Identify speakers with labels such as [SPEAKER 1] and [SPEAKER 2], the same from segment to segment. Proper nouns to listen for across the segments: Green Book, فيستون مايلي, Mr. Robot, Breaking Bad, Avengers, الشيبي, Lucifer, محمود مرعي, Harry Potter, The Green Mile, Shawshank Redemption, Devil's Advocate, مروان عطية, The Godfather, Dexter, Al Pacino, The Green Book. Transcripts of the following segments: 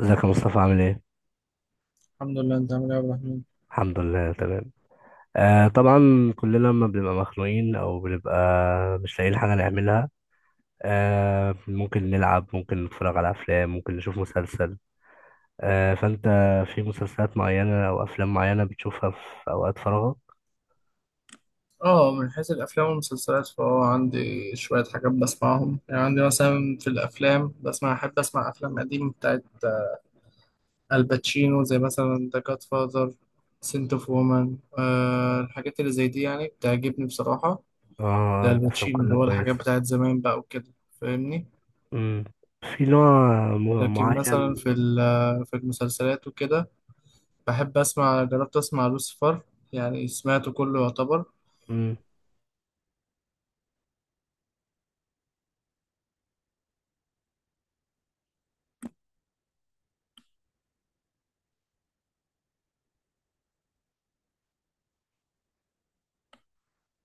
[SPEAKER 1] ازيك يا مصطفى عامل ايه؟
[SPEAKER 2] الحمد لله. انت عامل ايه يا عبد الرحمن؟
[SPEAKER 1] الحمد لله تمام. آه طبعا. كلنا لما بنبقى مخنوقين او بنبقى مش لاقيين حاجة نعملها. ممكن نلعب، ممكن نتفرج على افلام، ممكن نشوف مسلسل. فانت في مسلسلات معينة او افلام معينة بتشوفها في اوقات فراغك؟
[SPEAKER 2] اه، من حيث الافلام والمسلسلات فهو عندي شويه حاجات بسمعهم. يعني عندي مثلا في الافلام احب اسمع افلام قديمه بتاعت الباتشينو، زي مثلا ذا جاد فاذر، سنت اوف وومن. الحاجات اللي زي دي يعني بتعجبني بصراحه.
[SPEAKER 1] اه
[SPEAKER 2] ده
[SPEAKER 1] الافلام
[SPEAKER 2] الباتشينو، اللي
[SPEAKER 1] كلها
[SPEAKER 2] هو الحاجات
[SPEAKER 1] كويسة.
[SPEAKER 2] بتاعت زمان بقى وكده، فاهمني؟
[SPEAKER 1] مم. في نوع
[SPEAKER 2] لكن مثلا
[SPEAKER 1] معين.
[SPEAKER 2] في المسلسلات وكده بحب اسمع، جربت اسمع لوسيفر، يعني سمعته كله يعتبر.
[SPEAKER 1] مم.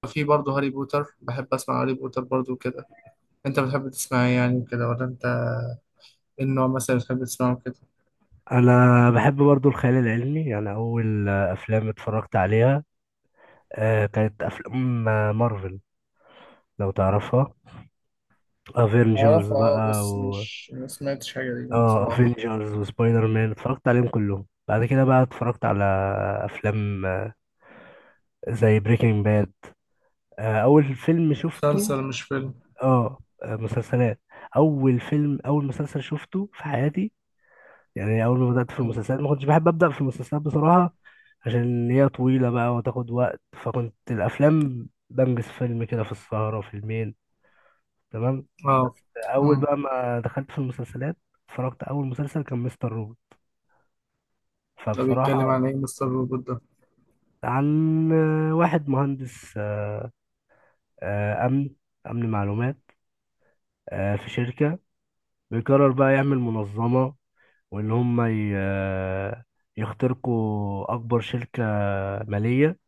[SPEAKER 2] في برضه هاري بوتر، بحب اسمع هاري بوتر برضه كده. انت بتحب تسمع ايه يعني كده، ولا انت ايه النوع مثلا بتحب تسمعه كده؟
[SPEAKER 1] انا بحب برضو الخيال العلمي. يعني اول افلام اتفرجت عليها كانت افلام مارفل، لو تعرفها، افنجرز
[SPEAKER 2] أعرف، أه،
[SPEAKER 1] بقى
[SPEAKER 2] بس
[SPEAKER 1] و
[SPEAKER 2] مش ما سمعتش حاجة ليهم
[SPEAKER 1] اه
[SPEAKER 2] بصراحة.
[SPEAKER 1] افنجرز وسبايدر مان، اتفرجت عليهم كلهم. بعد كده بقى اتفرجت على افلام زي بريكنج باد، اول فيلم شفته.
[SPEAKER 2] مسلسل مش فيلم.
[SPEAKER 1] مسلسلات، اول فيلم، اول مسلسل شفته في حياتي. يعني اول ما بدات في
[SPEAKER 2] مم.
[SPEAKER 1] المسلسلات ما كنتش بحب ابدا في المسلسلات بصراحه، عشان هي طويله بقى وتاخد وقت، فكنت الافلام بنجز فيلم كده في السهره فيلمين، تمام.
[SPEAKER 2] اه.
[SPEAKER 1] بس اول
[SPEAKER 2] امم.
[SPEAKER 1] بقى ما دخلت في المسلسلات اتفرجت، اول مسلسل كان مستر روبوت،
[SPEAKER 2] ده بيتكلم
[SPEAKER 1] فبصراحة
[SPEAKER 2] عن ايه مستر روبوت ده؟
[SPEAKER 1] عن واحد مهندس أمن، أمن معلومات في شركة، بيقرر بقى يعمل منظمة وإن هم يخترقوا أكبر شركة مالية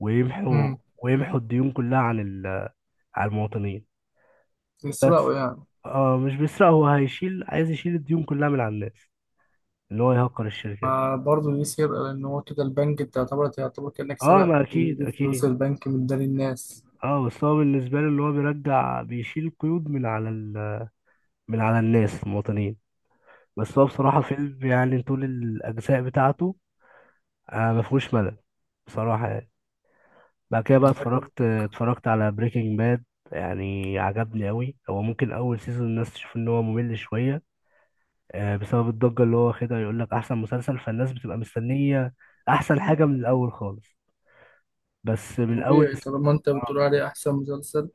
[SPEAKER 1] ويمحوا
[SPEAKER 2] امم.
[SPEAKER 1] ويمحوا الديون كلها عن على المواطنين.
[SPEAKER 2] بيسرقوا يعني؟
[SPEAKER 1] اه مش بيسرق، هو هيشيل، عايز يشيل الديون كلها من على الناس، إن هو يهكر الشركة دي.
[SPEAKER 2] ما برضه دي سرقة، لأن هو كده البنك أنت يعتبر كأنك
[SPEAKER 1] اه
[SPEAKER 2] سرقت،
[SPEAKER 1] ما
[SPEAKER 2] لأن
[SPEAKER 1] أكيد
[SPEAKER 2] دي فلوس
[SPEAKER 1] أكيد.
[SPEAKER 2] البنك من دار الناس.
[SPEAKER 1] اه بس هو بالنسبة له إن هو بيرجع بيشيل القيود من على ال... من على الناس المواطنين. بس هو بصراحة
[SPEAKER 2] مم.
[SPEAKER 1] فيلم، يعني طول الأجزاء بتاعته ما فيهوش ملل بصراحة. يعني بعد كده
[SPEAKER 2] مم،
[SPEAKER 1] بقى
[SPEAKER 2] عجبك؟
[SPEAKER 1] اتفرجت على بريكنج باد. يعني عجبني أوي. هو ممكن أول سيزون الناس تشوف إن هو ممل شوية بسبب الضجة اللي هو واخدها، يقول لك أحسن مسلسل، فالناس بتبقى مستنية أحسن حاجة من الأول خالص. بس من أول
[SPEAKER 2] طبيعي، طالما أنت
[SPEAKER 1] اه
[SPEAKER 2] بتقول عليه أحسن مسلسل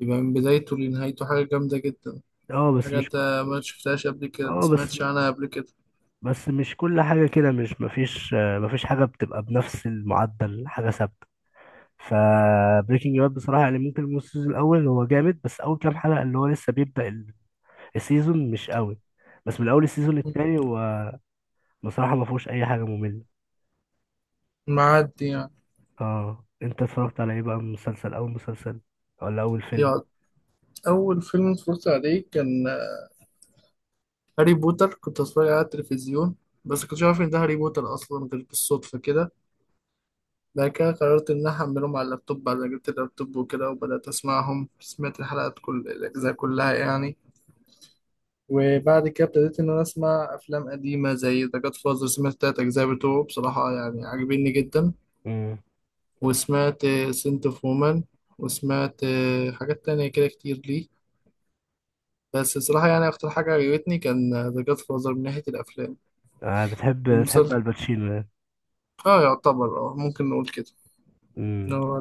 [SPEAKER 2] يبقى من بدايته لنهايته حاجة جامدة جدا.
[SPEAKER 1] بس
[SPEAKER 2] حاجة أنت ما
[SPEAKER 1] مش-
[SPEAKER 2] شفتهاش قبل كده، ما
[SPEAKER 1] اه بس
[SPEAKER 2] سمعتش عنها قبل كده.
[SPEAKER 1] بس مش كل حاجة كده، مش مفيش، مفيش حاجة بتبقى بنفس المعدل، حاجة ثابتة. فبريكنج باد بصراحة يعني ممكن الموسم، السيزون الأول، هو جامد، بس أول كام حلقة اللي هو لسه بيبدأ السيزون مش قوي. بس من أول السيزون التاني هو بصراحة ما فيهوش أي حاجة مملة.
[SPEAKER 2] معدي يعني.
[SPEAKER 1] اه أنت اتفرجت على إيه بقى من مسلسل، أول مسلسل ولا أول فيلم؟
[SPEAKER 2] يا أول فيلم اتفرجت عليه كان هاري بوتر، كنت اتفرج عليه على التلفزيون، بس كنتش عارف ان ده هاري بوتر اصلا، غير بالصدفه كده. بعد كده قررت ان انا احملهم على اللابتوب، بعد ما جبت اللابتوب وكده، وبدات اسمعهم، سمعت الحلقات كل الاجزاء كلها يعني. وبعد كده ابتديت ان انا اسمع افلام قديمه، زي ذا جاد فازر، سمعت التلات اجزاء بتوعه، بصراحه يعني عاجبيني جدا.
[SPEAKER 1] امم
[SPEAKER 2] وسمعت سنت اوف وومن، وسمعت حاجات تانية كده كتير ليه. بس بصراحة يعني أكتر حاجة عجبتني كان ذا جاد فازر من ناحية الأفلام.
[SPEAKER 1] آه بتحب، بتحب
[SPEAKER 2] والمسلسل،
[SPEAKER 1] الباتشينو يعني.
[SPEAKER 2] يعتبر، ممكن نقول كده، إن
[SPEAKER 1] امم
[SPEAKER 2] هو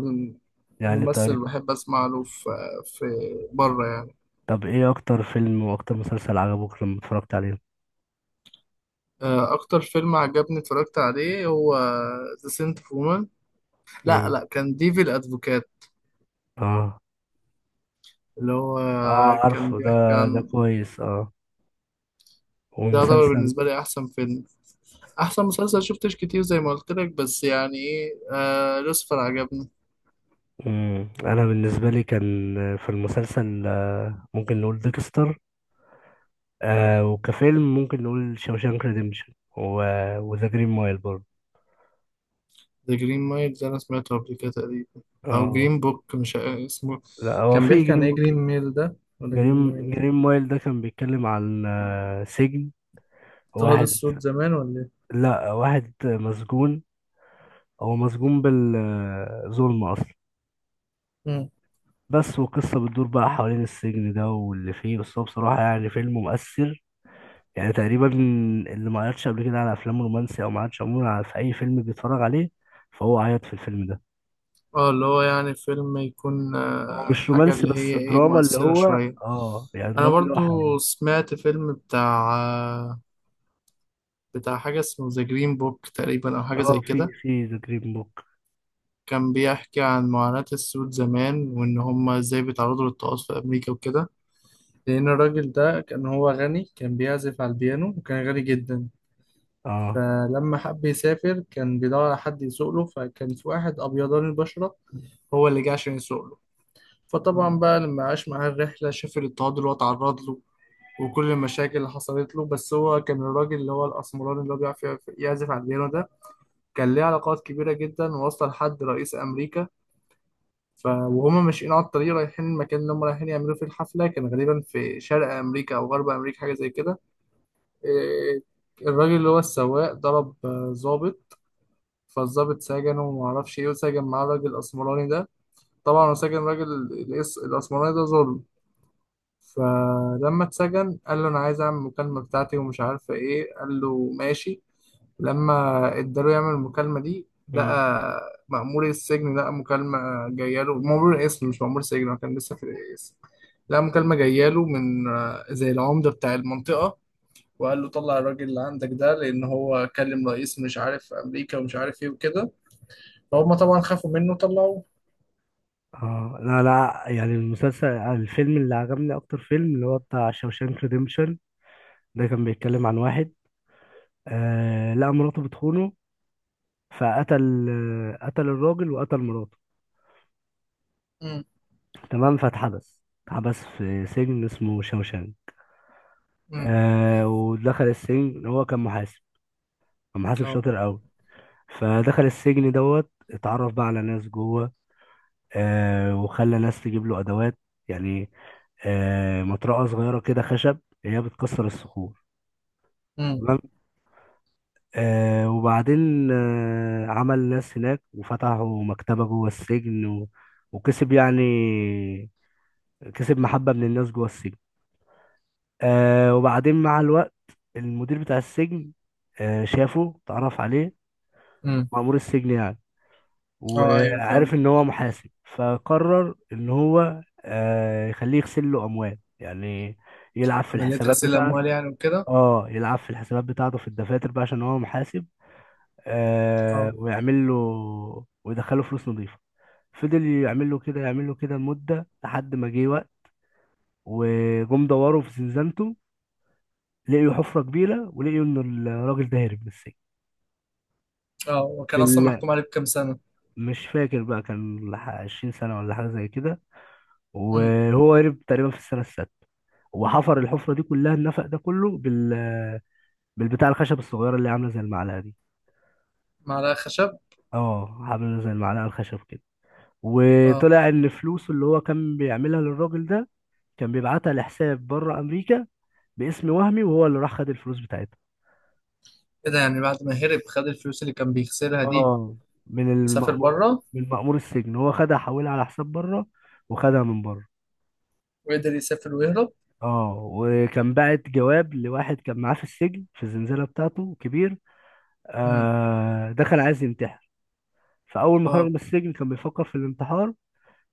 [SPEAKER 1] يعني
[SPEAKER 2] الممثل
[SPEAKER 1] طيب،
[SPEAKER 2] اللي بحب أسمع له في بره يعني.
[SPEAKER 1] طب إيه أكتر فيلم وأكتر مسلسل عجبك لما اتفرجت عليه؟
[SPEAKER 2] أكتر فيلم عجبني اتفرجت عليه هو ذا سنت اوف وومن. لا،
[SPEAKER 1] امم
[SPEAKER 2] لا، كان ديفل أدفوكات،
[SPEAKER 1] اه،
[SPEAKER 2] اللي هو
[SPEAKER 1] اه
[SPEAKER 2] كان
[SPEAKER 1] عارفه ده،
[SPEAKER 2] بيحكي
[SPEAKER 1] ده
[SPEAKER 2] عن،
[SPEAKER 1] كويس. اه
[SPEAKER 2] ده يعتبر
[SPEAKER 1] والمسلسل.
[SPEAKER 2] بالنسبة لي أحسن فيلم. أحسن مسلسل شفتش كتير زي ما قلت لك، بس يعني إيه، لوسيفر عجبني.
[SPEAKER 1] مم. انا بالنسبه لي كان في المسلسل ممكن نقول ديكستر، آه وكفيلم ممكن نقول شوشانك ريديمشن وذا جرين مايل برضه.
[SPEAKER 2] ذا جرين مايل ده انا سمعته قبل كده تقريبا، او
[SPEAKER 1] اه
[SPEAKER 2] جرين بوك، مش اسمه.
[SPEAKER 1] لا، هو
[SPEAKER 2] كان
[SPEAKER 1] في
[SPEAKER 2] بيحكي عن ايه، جرين ميل ده ولا جرين مايل ده؟
[SPEAKER 1] جرين مايل ده كان بيتكلم عن سجن
[SPEAKER 2] اضطهاد
[SPEAKER 1] واحد،
[SPEAKER 2] السود زمان ولا ايه؟
[SPEAKER 1] لا واحد مسجون، هو مسجون بالظلم اصلا.
[SPEAKER 2] مم.
[SPEAKER 1] بس وقصة بتدور بقى حوالين السجن ده واللي فيه. بس هو بصراحة يعني فيلم مؤثر، يعني تقريبا اللي ما عيطش قبل كده على افلام رومانسي او ما عيطش عموما على، في اي فيلم بيتفرج عليه، فهو عيط في الفيلم ده.
[SPEAKER 2] اه، اللي هو يعني فيلم يكون
[SPEAKER 1] هو مش
[SPEAKER 2] حاجة
[SPEAKER 1] رومانسي
[SPEAKER 2] اللي
[SPEAKER 1] بس
[SPEAKER 2] هي ايه،
[SPEAKER 1] دراما، اللي
[SPEAKER 2] مؤثرة
[SPEAKER 1] هو
[SPEAKER 2] شوية.
[SPEAKER 1] اه يعني
[SPEAKER 2] انا
[SPEAKER 1] دراما اللي هو
[SPEAKER 2] برضو
[SPEAKER 1] حقيقي.
[SPEAKER 2] سمعت فيلم بتاع حاجة اسمه ذا جرين بوك تقريبا، او حاجة
[SPEAKER 1] اه،
[SPEAKER 2] زي
[SPEAKER 1] في
[SPEAKER 2] كده.
[SPEAKER 1] في ذا جرين بوك.
[SPEAKER 2] كان بيحكي عن معاناة السود زمان، وان هما ازاي بيتعرضوا للطقوس في امريكا وكده. لأن الراجل ده كان هو غني، كان بيعزف على البيانو، وكان غني جدا.
[SPEAKER 1] اه.
[SPEAKER 2] فلما حب يسافر كان بيدور على حد يسوق له، فكان في واحد أبيضان البشرة هو اللي جه عشان يسوق له. فطبعا بقى لما عاش معاه الرحلة شاف الاضطهاد اللي هو اتعرض له، وكل المشاكل اللي حصلت له. بس هو كان الراجل اللي هو الأسمراني اللي هو بيعرف يعزف على البيانو ده، كان ليه علاقات كبيرة جدا، ووصل لحد رئيس أمريكا. وهما ماشيين على الطريق رايحين المكان اللي هما رايحين يعملوا فيه الحفلة، كان غالبا في شرق أمريكا أو غرب أمريكا، حاجة زي كده. إيه، الراجل اللي هو السواق ضرب ظابط. فالظابط سجنه وما اعرفش ايه، وسجن معاه الراجل الاسمراني ده. طبعا هو سجن الراجل الاسمراني ده ظلم. فلما اتسجن قال له انا عايز اعمل المكالمه بتاعتي ومش عارفه ايه، قال له ماشي. لما اداله يعمل المكالمه دي،
[SPEAKER 1] مم.
[SPEAKER 2] لقى مأمور السجن، لقى مكالمة جاية له، مأمور القسم مش مأمور سجن، هو كان لسه في القسم. لقى مكالمة جاية له من زي العمدة بتاع المنطقة، وقال له طلع الراجل اللي عندك ده، لان هو كلم رئيس مش عارف امريكا ومش عارف ايه وكده. فهم طبعا خافوا منه طلعوه.
[SPEAKER 1] اه لا لا، يعني المسلسل، الفيلم اللي عجبني اكتر فيلم، اللي هو بتاع شوشانك ريديمشن، ده كان بيتكلم عن واحد آه لقى مراته بتخونه، فقتل قتل الراجل وقتل مراته،
[SPEAKER 2] امم،
[SPEAKER 1] تمام. فاتحبس، اتحبس في سجن اسمه شوشانك.
[SPEAKER 2] امم.
[SPEAKER 1] آه ودخل السجن، هو كان محاسب، كان محاسب
[SPEAKER 2] اه.
[SPEAKER 1] شاطر قوي، فدخل السجن دوت اتعرف بقى على ناس جوه. آه وخلى ناس تجيب له ادوات، يعني مطرقه صغيره كده خشب، هي بتكسر الصخور،
[SPEAKER 2] امم،
[SPEAKER 1] تمام. آه وبعدين آه عمل ناس هناك وفتحوا مكتبه جوه السجن و... وكسب يعني، كسب محبه من الناس جوه السجن. آه وبعدين مع الوقت المدير بتاع السجن آه شافه، اتعرف عليه،
[SPEAKER 2] امم.
[SPEAKER 1] مأمور السجن يعني،
[SPEAKER 2] اه، ايوه،
[SPEAKER 1] وعارف
[SPEAKER 2] فاهم.
[SPEAKER 1] ان هو محاسب. فقرر ان هو يخليه يغسل له اموال يعني، يلعب في
[SPEAKER 2] عمليه
[SPEAKER 1] الحسابات
[SPEAKER 2] غسيل
[SPEAKER 1] بتاعته.
[SPEAKER 2] الاموال يعني وكده.
[SPEAKER 1] اه يلعب في الحسابات بتاعته في الدفاتر بقى عشان هو محاسب، آه
[SPEAKER 2] اه،
[SPEAKER 1] ويعمل له، ويدخله فلوس نظيفة. فضل يعمل له كده، يعمل له كده لمدة، لحد ما جه وقت وجم دوروا في زنزانته، لقيوا حفرة كبيرة ولقيوا ان الراجل ده هرب من السجن.
[SPEAKER 2] اه، وكان اصلا
[SPEAKER 1] بال...
[SPEAKER 2] محكوم عليه بكام سنه؟
[SPEAKER 1] مش فاكر بقى كان 20 سنة ولا حاجة زي كده.
[SPEAKER 2] امم.
[SPEAKER 1] وهو هرب تقريبا في السنه السادسه، وحفر الحفره دي كلها، النفق ده كله بال، بالبتاع الخشب الصغيره اللي عامله زي المعلقه دي.
[SPEAKER 2] معلقه خشب.
[SPEAKER 1] اه عامله زي المعلقه الخشب كده.
[SPEAKER 2] اه،
[SPEAKER 1] وطلع ان فلوسه اللي هو كان بيعملها للراجل ده كان بيبعتها لحساب بره امريكا باسم وهمي، وهو اللي راح خد الفلوس بتاعتها.
[SPEAKER 2] ايه ده، يعني بعد ما هرب خد الفلوس اللي كان بيخسرها دي؟
[SPEAKER 1] اه من
[SPEAKER 2] وسافر
[SPEAKER 1] المأمور،
[SPEAKER 2] بره؟
[SPEAKER 1] من مأمور السجن، هو خدها حولها على حساب بره وخدها من بره.
[SPEAKER 2] وقدر يسافر ويهرب؟
[SPEAKER 1] اه وكان باعت جواب لواحد كان معاه في السجن في الزنزانة بتاعته كبير،
[SPEAKER 2] امم.
[SPEAKER 1] آه دخل عايز ينتحر. فأول ما خرج
[SPEAKER 2] اه.
[SPEAKER 1] من السجن كان بيفكر في الانتحار،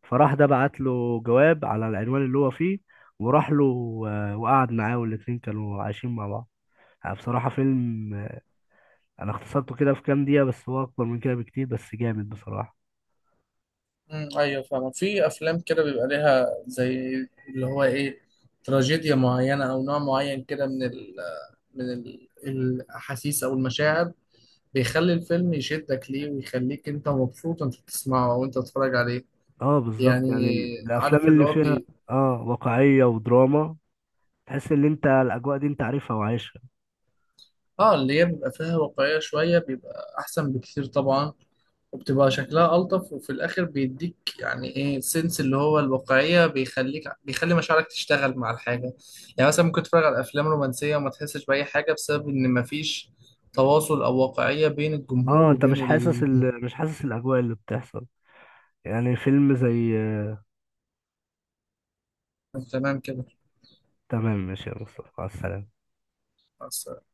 [SPEAKER 1] فراح ده بعت له جواب على العنوان اللي هو فيه، وراح له وقعد معاه والاتنين كانوا عايشين مع بعض. يعني بصراحة فيلم أنا اختصرته كده في كام دقيقة بس هو أكبر من كده بكتير، بس جامد بصراحة.
[SPEAKER 2] مم، ايوه، فاهم. في افلام كده بيبقى ليها زي، اللي هو ايه، تراجيديا معينه او نوع معين كده من الاحاسيس او المشاعر، بيخلي الفيلم يشدك ليه، ويخليك انت مبسوط وانت بتسمعه او انت بتتفرج عليه.
[SPEAKER 1] اه بالظبط،
[SPEAKER 2] يعني
[SPEAKER 1] يعني الأفلام
[SPEAKER 2] عارف اللي
[SPEAKER 1] اللي
[SPEAKER 2] هو
[SPEAKER 1] فيها
[SPEAKER 2] بي.
[SPEAKER 1] اه واقعية ودراما، تحس إن أنت الأجواء دي أنت عارفها وعايشها.
[SPEAKER 2] اه، اللي هي بيبقى فيها واقعيه شويه بيبقى احسن بكتير طبعا. وبتبقى شكلها ألطف، وفي الآخر بيديك يعني إيه سنس، اللي هو الواقعية بيخليك، بيخلي مشاعرك تشتغل مع الحاجة. يعني مثلا ممكن تتفرج على أفلام رومانسية وما تحسش بأي حاجة، بسبب إن مفيش تواصل أو واقعية بين الجمهور
[SPEAKER 1] اه أنت
[SPEAKER 2] وبين
[SPEAKER 1] مش حاسس
[SPEAKER 2] ال.
[SPEAKER 1] ال... مش حاسس الأجواء اللي بتحصل. يعني فيلم زي آه،
[SPEAKER 2] تمام كده.
[SPEAKER 1] تمام ماشي يا مصطفى، مع السلامة.
[SPEAKER 2] مع السلامة.